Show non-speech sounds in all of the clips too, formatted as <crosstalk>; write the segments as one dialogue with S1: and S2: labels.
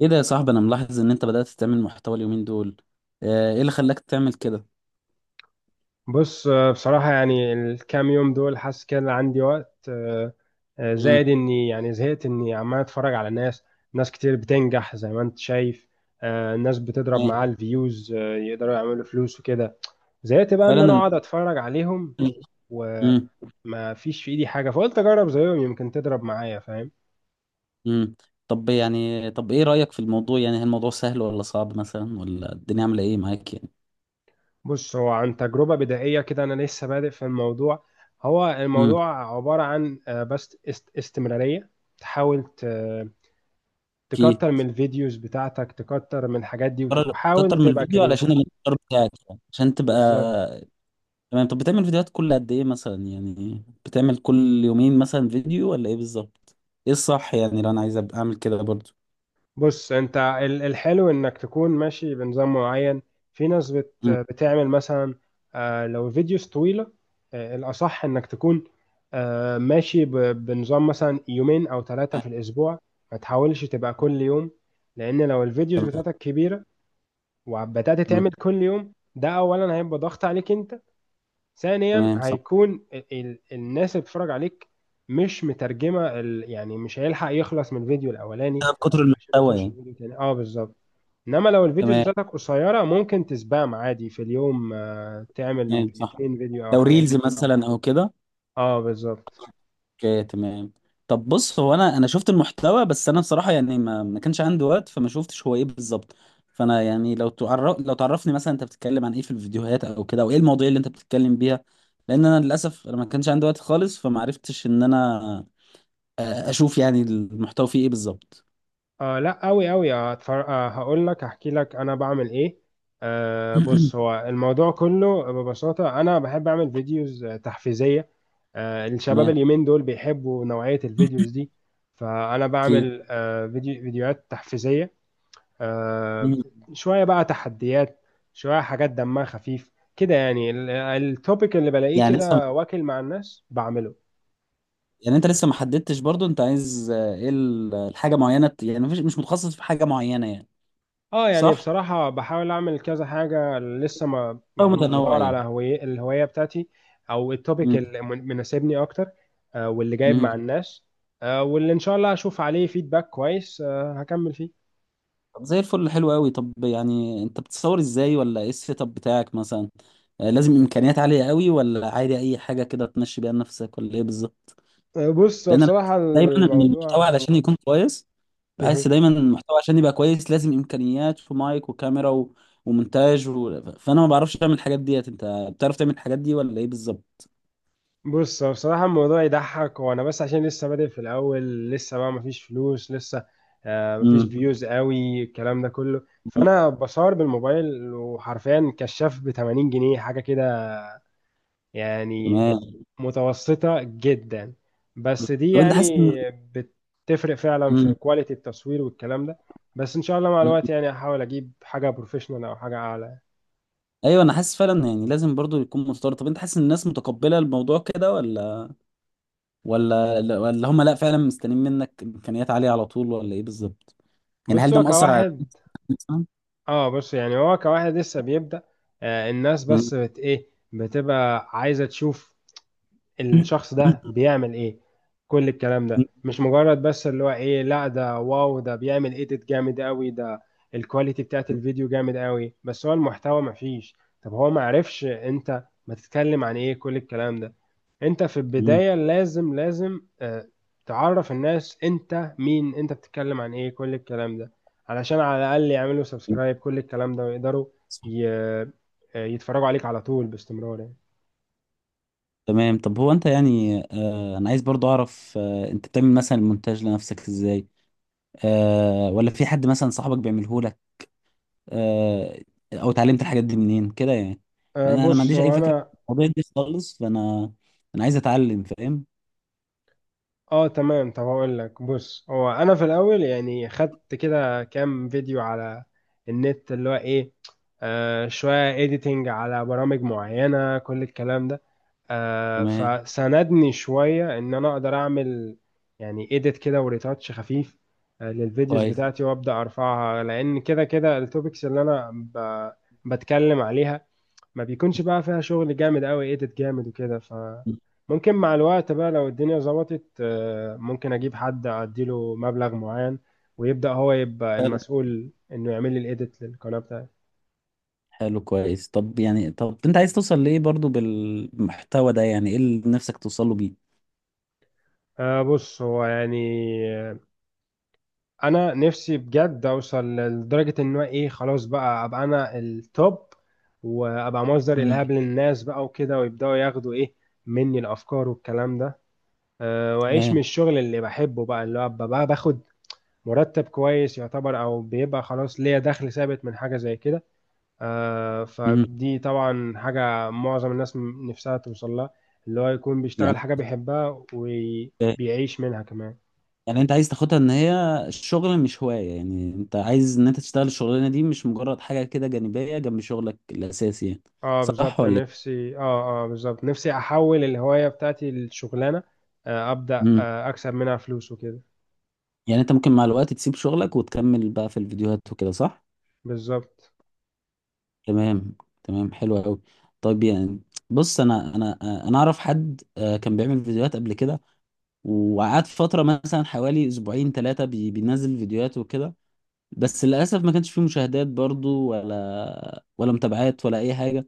S1: ايه ده يا صاحبي؟ انا ملاحظ ان انت بدأت تعمل محتوى اليومين دول. ايه اللي خلاك تعمل كده؟
S2: بص، بصراحة يعني الكام يوم دول حاسس كده عندي وقت
S1: امم.
S2: زائد اني يعني زهقت اني عمال اتفرج على ناس كتير بتنجح زي ما انت شايف. ناس بتضرب معاها
S1: أيوة.
S2: الفيوز، يقدروا يعملوا فلوس وكده. زهقت بقى
S1: فعلا
S2: ان انا اقعد اتفرج عليهم
S1: امم.
S2: وما فيش في ايدي حاجة، فقلت اجرب زيهم يمكن تضرب معايا، فاهم؟
S1: امم. طب ايه رأيك في الموضوع؟ يعني هل الموضوع سهل ولا صعب مثلا، ولا الدنيا عاملة ايه معاك يعني؟
S2: بص، هو عن تجربة بدائية كده انا لسه بادئ في الموضوع. هو
S1: امم.
S2: الموضوع عبارة عن بس استمرارية. تحاول
S1: اوكي.
S2: تكتر من الفيديوز بتاعتك، تكتر من الحاجات دي،
S1: قرر
S2: وحاول
S1: تكتر من
S2: تبقى
S1: الفيديو علشان
S2: كرييتيف.
S1: الانتشار بتاعك يعني، عشان تبقى...
S2: بالظبط.
S1: تمام. طب بتعمل فيديوهات كل قد ايه مثلا؟ يعني بتعمل كل يومين مثلا فيديو، ولا ايه بالظبط؟ ايه الصح يعني لو انا عايز أبقى اعمل كده برضو؟
S2: بص، انت الحلو انك تكون ماشي بنظام معين. في ناس
S1: امم.
S2: بتعمل مثلا لو فيديوز طويلة. الأصح انك تكون ماشي بنظام مثلا يومين أو ثلاثة في الأسبوع. ما تحاولش تبقى كل يوم، لأن لو الفيديوز بتاعتك كبيرة وبدأت
S1: امم.
S2: تعمل كل يوم، ده أولا هيبقى ضغط عليك انت، ثانيا
S1: تمام، صح.
S2: هيكون الناس اللي بتتفرج عليك مش مترجمه يعني مش هيلحق يخلص من الفيديو الاولاني
S1: بكتر
S2: عشان
S1: المحتوى
S2: يخش
S1: يعني.
S2: الفيديو التاني. اه بالظبط. انما لو الفيديوز
S1: تمام
S2: بتاعتك قصيره، ممكن تسبام عادي في اليوم، تعمل
S1: تمام، صح.
S2: اتنين فيديو او
S1: لو
S2: حاجه.
S1: ريلز مثلا او كده.
S2: اه بالظبط.
S1: اوكي، تمام. طب بص، هو انا شفت المحتوى، بس انا بصراحه يعني ما كانش عندي وقت، فما شفتش هو ايه بالظبط. فانا يعني لو تعرفني مثلا، انت بتتكلم عن ايه في الفيديوهات او كده، او ايه المواضيع اللي انت بتتكلم بيها؟ لان انا للاسف انا ما كانش عندي وقت خالص، فما عرفتش ان انا اشوف يعني المحتوى فيه ايه بالظبط.
S2: لا، قوي قوي. هقول لك، هحكي لك انا بعمل ايه. بص،
S1: <clears throat>
S2: هو الموضوع كله ببساطة انا بحب اعمل فيديوز تحفيزية. الشباب
S1: تمام.
S2: اليومين دول بيحبوا نوعية الفيديوز دي، فانا
S1: اوكي.
S2: بعمل فيديوهات تحفيزية. آه
S1: مم.
S2: شوية بقى تحديات، شوية حاجات دمها خفيف كده يعني. التوبيك اللي بلاقيه
S1: يعني لسه
S2: كده واكل مع الناس بعمله.
S1: يعني انت لسه ما حددتش برضو؟ انت عايز ايه الحاجه معينه؟ يعني مش متخصص في حاجه معينه يعني؟
S2: اه يعني
S1: صح.
S2: بصراحة بحاول اعمل كذا حاجة لسه، ما
S1: أو
S2: يعني بدور على
S1: متنوعين.
S2: هوية الهواية بتاعتي او التوبيك
S1: مم.
S2: اللي مناسبني اكتر، واللي جايب
S1: مم.
S2: مع الناس، واللي ان شاء الله هشوف عليه فيدباك كويس، هكمل فيه.
S1: طب زي الفل، حلو قوي. طب يعني انت بتصور ازاي، ولا ايه السيت اب بتاعك مثلا؟ لازم امكانيات عاليه قوي، ولا عادي اي حاجه كده تمشي بيها نفسك، ولا ايه بالظبط؟
S2: آه، بص هو
S1: لان انا
S2: بصراحة
S1: دايما ان المحتوى
S2: الموضوع
S1: علشان يكون كويس،
S2: مه.
S1: بحس دايما إن المحتوى عشان يبقى كويس لازم امكانيات في مايك وكاميرا ومونتاج فانا ما بعرفش اعمل الحاجات ديت. انت بتعرف تعمل الحاجات دي ولا ايه بالظبط؟
S2: بص هو بصراحة الموضوع يضحك وانا، بس عشان لسه بادئ في الاول، لسه بقى مفيش فلوس لسه، مفيش
S1: امم.
S2: فيوز قوي، الكلام ده كله. فانا بصور بالموبايل وحرفيا كشاف ب 80 جنيه حاجة كده يعني،
S1: تمام.
S2: متوسطة جدا. بس دي
S1: طب انت
S2: يعني
S1: حاسس ان...
S2: بتفرق فعلا في كواليتي التصوير والكلام ده. بس ان شاء الله مع
S1: مم.
S2: الوقت يعني هحاول اجيب حاجة بروفيشنال او حاجة اعلى.
S1: ايوه، انا حاسس فعلا، يعني لازم برضو يكون مستورد. طب انت حاسس ان الناس متقبله الموضوع كده، ولا هم لا، فعلا مستنيين منك امكانيات عاليه على طول، ولا ايه بالظبط؟ يعني
S2: بص،
S1: هل ده
S2: هو
S1: مأثر على
S2: كواحد،
S1: <clears throat> مثلاً؟
S2: اه بص يعني هو كواحد لسه بيبدأ، الناس
S1: مم.
S2: بس بت ايه بتبقى عايزة تشوف الشخص ده بيعمل ايه. كل الكلام ده مش مجرد بس اللي هو ايه، لا ده واو ده بيعمل ايديت جامد قوي، ده الكواليتي بتاعت الفيديو جامد قوي، بس هو المحتوى مفيش. طب هو معرفش انت ما تتكلم عن ايه، كل الكلام ده. انت في
S1: مم.
S2: البداية لازم لازم تعرف الناس انت مين، انت بتتكلم عن ايه، كل الكلام ده، علشان على الاقل يعملوا سبسكرايب كل الكلام ده، ويقدروا
S1: صح.
S2: ي- آه، يتفرجوا عليك على طول باستمرار يعني.
S1: تمام. طب هو انت يعني انا عايز برضو اعرف، انت بتعمل مثلا المونتاج لنفسك ازاي، ولا في حد مثلا صاحبك بيعمله لك، آه او اتعلمت الحاجات دي منين كده يعني؟
S2: آه،
S1: لان انا ما
S2: بص
S1: عنديش اي
S2: هو
S1: فكره عن
S2: انا
S1: الموضوع ده خالص، فانا عايز اتعلم فاهم.
S2: اه تمام، طب هقول لك. بص، هو انا في الاول يعني خدت كده كام فيديو على النت، اللي هو ايه، شوية editing على برامج معينة، كل الكلام ده.
S1: تمام.
S2: فساندني شوية ان انا اقدر اعمل يعني edit كده وريتاتش خفيف للفيديوز
S1: كويس.
S2: بتاعتي، وابدا ارفعها، لان كده كده التوبكس اللي بتكلم عليها ما بيكونش بقى فيها شغل جامد قوي ايديت جامد وكده. ف ممكن مع الوقت بقى لو الدنيا ظبطت، ممكن اجيب حد اديله مبلغ معين ويبدأ هو يبقى
S1: طب
S2: المسؤول انه يعمل لي الايديت للقناة بتاعتي.
S1: حلو، كويس. طب يعني انت عايز توصل لايه برضو بالمحتوى ده؟ يعني ايه اللي نفسك توصله بيه؟
S2: أه بص هو يعني آه، انا نفسي بجد اوصل لدرجة ان هو ايه، خلاص بقى ابقى انا التوب، وابقى مصدر الهام
S1: مم.
S2: للناس بقى وكده، ويبدأوا ياخدوا ايه مني، الافكار والكلام ده. أه، واعيش من
S1: تمام.
S2: الشغل اللي بحبه بقى، اللي هو ابقى بقى باخد مرتب كويس يعتبر، او بيبقى خلاص ليا دخل ثابت من حاجه زي كده.
S1: مم.
S2: فدي طبعا حاجه معظم الناس نفسها توصل لها، اللي هو يكون
S1: يعني
S2: بيشتغل حاجه بيحبها وبيعيش منها كمان.
S1: يعني انت عايز تاخدها ان هي الشغل مش هواية؟ يعني انت عايز ان انت تشتغل الشغلانة دي مش مجرد حاجة كده جانبية جنب شغلك الاساسي يعني؟
S2: اه
S1: صح
S2: بالظبط،
S1: ولا ايه؟
S2: نفسي، اه بالظبط نفسي احول الهوايه بتاعتي لشغلانه، ابدا
S1: مم.
S2: اكسب منها فلوس وكده.
S1: يعني انت ممكن مع الوقت تسيب شغلك وتكمل بقى في الفيديوهات وكده، صح؟
S2: بالظبط.
S1: تمام. تمام، حلو قوي. طيب يعني، بص انا انا اعرف حد كان بيعمل فيديوهات قبل كده، وقعدت فترة مثلا حوالي أسبوعين ثلاثة بينزل فيديوهات وكده. بس للأسف ما كانش فيه مشاهدات برضو، ولا متابعات ولا أي حاجة.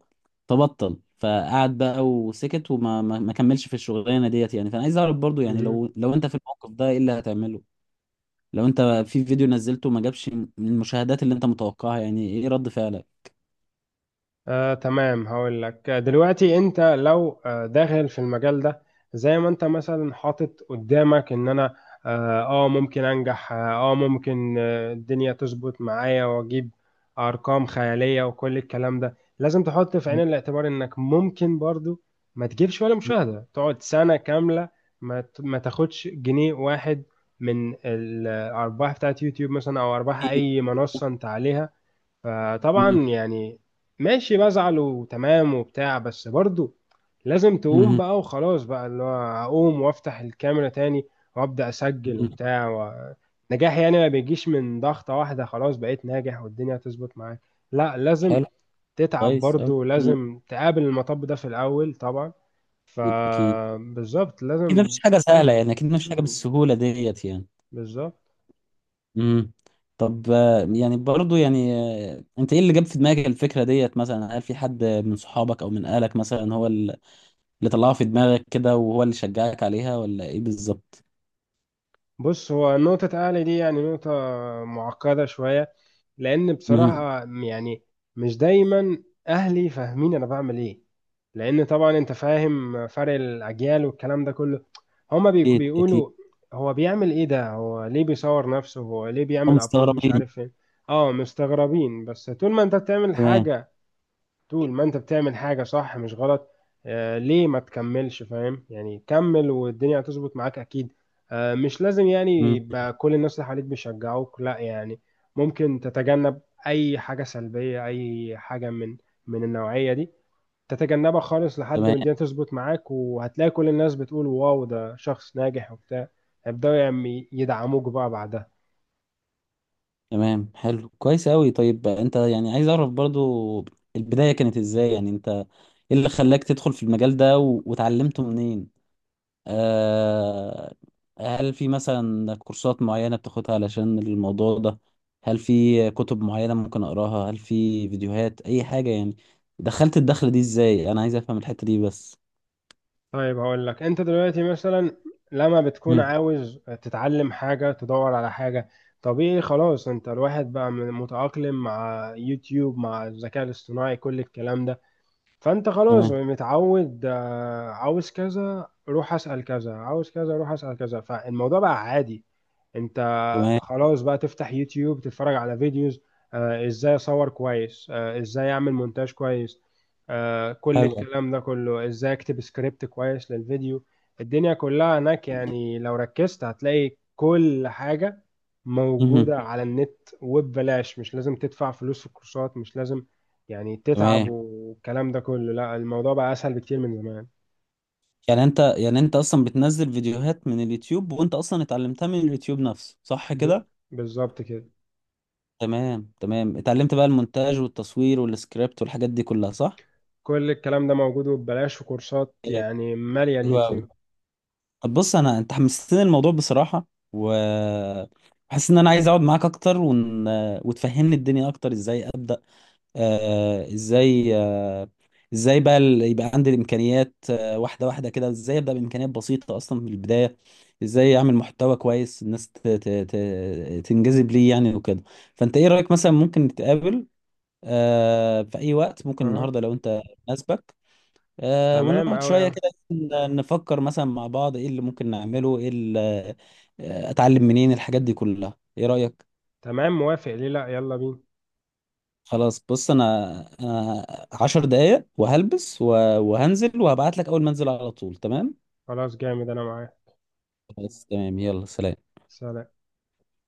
S1: فبطل فقعد بقى وسكت، وما ما ما كملش في الشغلانة ديت يعني. فأنا عايز أعرف برضو، يعني
S2: مهم.
S1: لو أنت في الموقف ده إيه اللي هتعمله؟ لو أنت في فيديو نزلته ما جابش من المشاهدات اللي أنت متوقعها، يعني إيه رد فعلك؟
S2: تمام هقول لك. دلوقتي انت لو داخل في المجال ده، زي ما انت مثلا حاطط قدامك ان انا اه، ممكن انجح اه، ممكن الدنيا تظبط معايا واجيب ارقام خيالية وكل الكلام ده، لازم تحط في عين
S1: مم.
S2: الاعتبار انك ممكن برضو ما تجيبش ولا مشاهدة، تقعد سنة كاملة ما تاخدش جنيه واحد من الارباح بتاعت يوتيوب مثلا، او ارباح
S1: أكيد.
S2: اي منصة انت عليها. فطبعا
S1: مم.
S2: يعني ماشي بزعل وتمام وبتاع، بس برضو لازم تقوم
S1: مم.
S2: بقى وخلاص، بقى اللي هو اقوم وافتح الكاميرا تاني وابدا اسجل
S1: مم.
S2: وبتاع و... نجاح يعني ما بيجيش من ضغطة واحدة خلاص بقيت ناجح والدنيا هتظبط معاك، لا لازم
S1: حلو
S2: تتعب
S1: كويس أوي.
S2: برضو،
S1: مم.
S2: لازم تقابل المطب ده في الاول طبعا.
S1: أكيد أكيد.
S2: فبالظبط
S1: أكيد مفيش
S2: لازم
S1: حاجة سهلة
S2: تصبر.
S1: يعني، أكيد مفيش حاجة بالسهولة ديت يعني.
S2: بالظبط.
S1: امم. طب يعني برضو يعني، انت ايه اللي جاب في دماغك الفكره ديت مثلا؟ هل في حد من صحابك او من اهلك مثلا هو اللي طلعها في دماغك كده وهو اللي شجعك عليها، ولا ايه بالظبط؟
S2: بص، هو نقطة أهلي دي يعني نقطة معقدة شوية، لأن
S1: امم.
S2: بصراحة يعني مش دايما أهلي فاهمين أنا بعمل إيه، لأن طبعا أنت فاهم فرق الأجيال والكلام ده كله. هما
S1: اكيد اكيد.
S2: بيقولوا هو بيعمل إيه ده، هو ليه بيصور نفسه، هو ليه
S1: هم
S2: بيعمل أبلود مش
S1: مستغربين.
S2: عارف فين. أه مستغربين، بس طول ما أنت بتعمل
S1: تمام.
S2: حاجة، طول ما انت بتعمل حاجة صح مش غلط، ليه ما تكملش، فاهم يعني؟ كمل والدنيا هتظبط معاك اكيد. مش لازم يعني
S1: امم.
S2: يبقى كل الناس اللي حواليك بيشجعوك، لا يعني ممكن تتجنب اي حاجة سلبية، اي حاجة من من النوعية دي، تتجنبها خالص لحد ما
S1: تمام
S2: الدنيا تظبط معاك، وهتلاقي كل الناس بتقول واو ده شخص ناجح وبتاع، هيبدأوا يعني يدعموك بقى بعدها.
S1: تمام، حلو كويس قوي. طيب، انت يعني عايز اعرف برضو، البدايه كانت ازاي يعني؟ انت ايه اللي خلاك تدخل في المجال ده واتعلمته منين؟ آه، هل في مثلا كورسات معينة بتاخدها علشان الموضوع ده، هل في كتب معينة ممكن أقراها، هل في فيديوهات أي حاجة يعني؟ دخلت الدخلة دي إزاي؟ أنا عايز أفهم الحتة دي بس.
S2: طيب هقول لك. انت دلوقتي مثلا لما بتكون
S1: مم.
S2: عاوز تتعلم حاجة تدور على حاجة طبيعي خلاص، انت الواحد بقى متأقلم مع يوتيوب مع الذكاء الاصطناعي كل الكلام ده. فانت خلاص
S1: تمام.
S2: متعود، عاوز كذا روح اسأل كذا، عاوز كذا روح اسأل كذا، فالموضوع بقى عادي. انت
S1: تمام،
S2: خلاص بقى تفتح يوتيوب، تتفرج على فيديوز، ازاي اصور كويس، ازاي اعمل مونتاج كويس، كل
S1: حلو.
S2: الكلام ده كله، ازاي اكتب سكريبت كويس للفيديو. الدنيا كلها هناك يعني، لو ركزت هتلاقي كل حاجة
S1: مهم.
S2: موجودة على النت وببلاش، مش لازم تدفع فلوس في الكورسات، مش لازم يعني تتعب
S1: تمام.
S2: والكلام ده كله، لا الموضوع بقى اسهل بكتير من زمان.
S1: يعني أنت يعني أنت أصلا بتنزل فيديوهات من اليوتيوب، وأنت أصلا اتعلمتها من اليوتيوب نفسه، صح
S2: ب...
S1: كده؟
S2: بالظبط كده.
S1: تمام. تمام، اتعلمت بقى المونتاج والتصوير والسكريبت والحاجات دي كلها، صح؟
S2: كل الكلام ده موجود وببلاش، وكورسات
S1: إيه.
S2: يعني مالية
S1: حلو أوي.
S2: اليوتيوب.
S1: طب بص، انا انت حمستني الموضوع بصراحه، و حاسس ان انا عايز اقعد معاك اكتر وتفهمني الدنيا اكتر ازاي ابدا، ازاي ازاي بقى يبقى عندي الامكانيات واحده واحده كده، ازاي ابدا بامكانيات بسيطه اصلا من البدايه، ازاي اعمل محتوى كويس، الناس تنجذب ليه يعني وكده. فانت ايه رايك، مثلا ممكن نتقابل في اي وقت، ممكن
S2: أها.
S1: النهارده لو انت مناسبك،
S2: تمام
S1: ونقعد
S2: أوي
S1: شوية
S2: أوي.
S1: كده نفكر مثلا مع بعض ايه اللي ممكن نعمله، ايه اللي اتعلم منين الحاجات دي كلها، ايه رأيك؟
S2: تمام موافق، ليه لأ، يلا بينا.
S1: خلاص بص انا انا 10 دقايق، وهلبس وهنزل، وهبعت لك اول ما انزل على طول، تمام؟
S2: خلاص جامد أنا معاك.
S1: خلاص تمام، يلا سلام.
S2: سلام.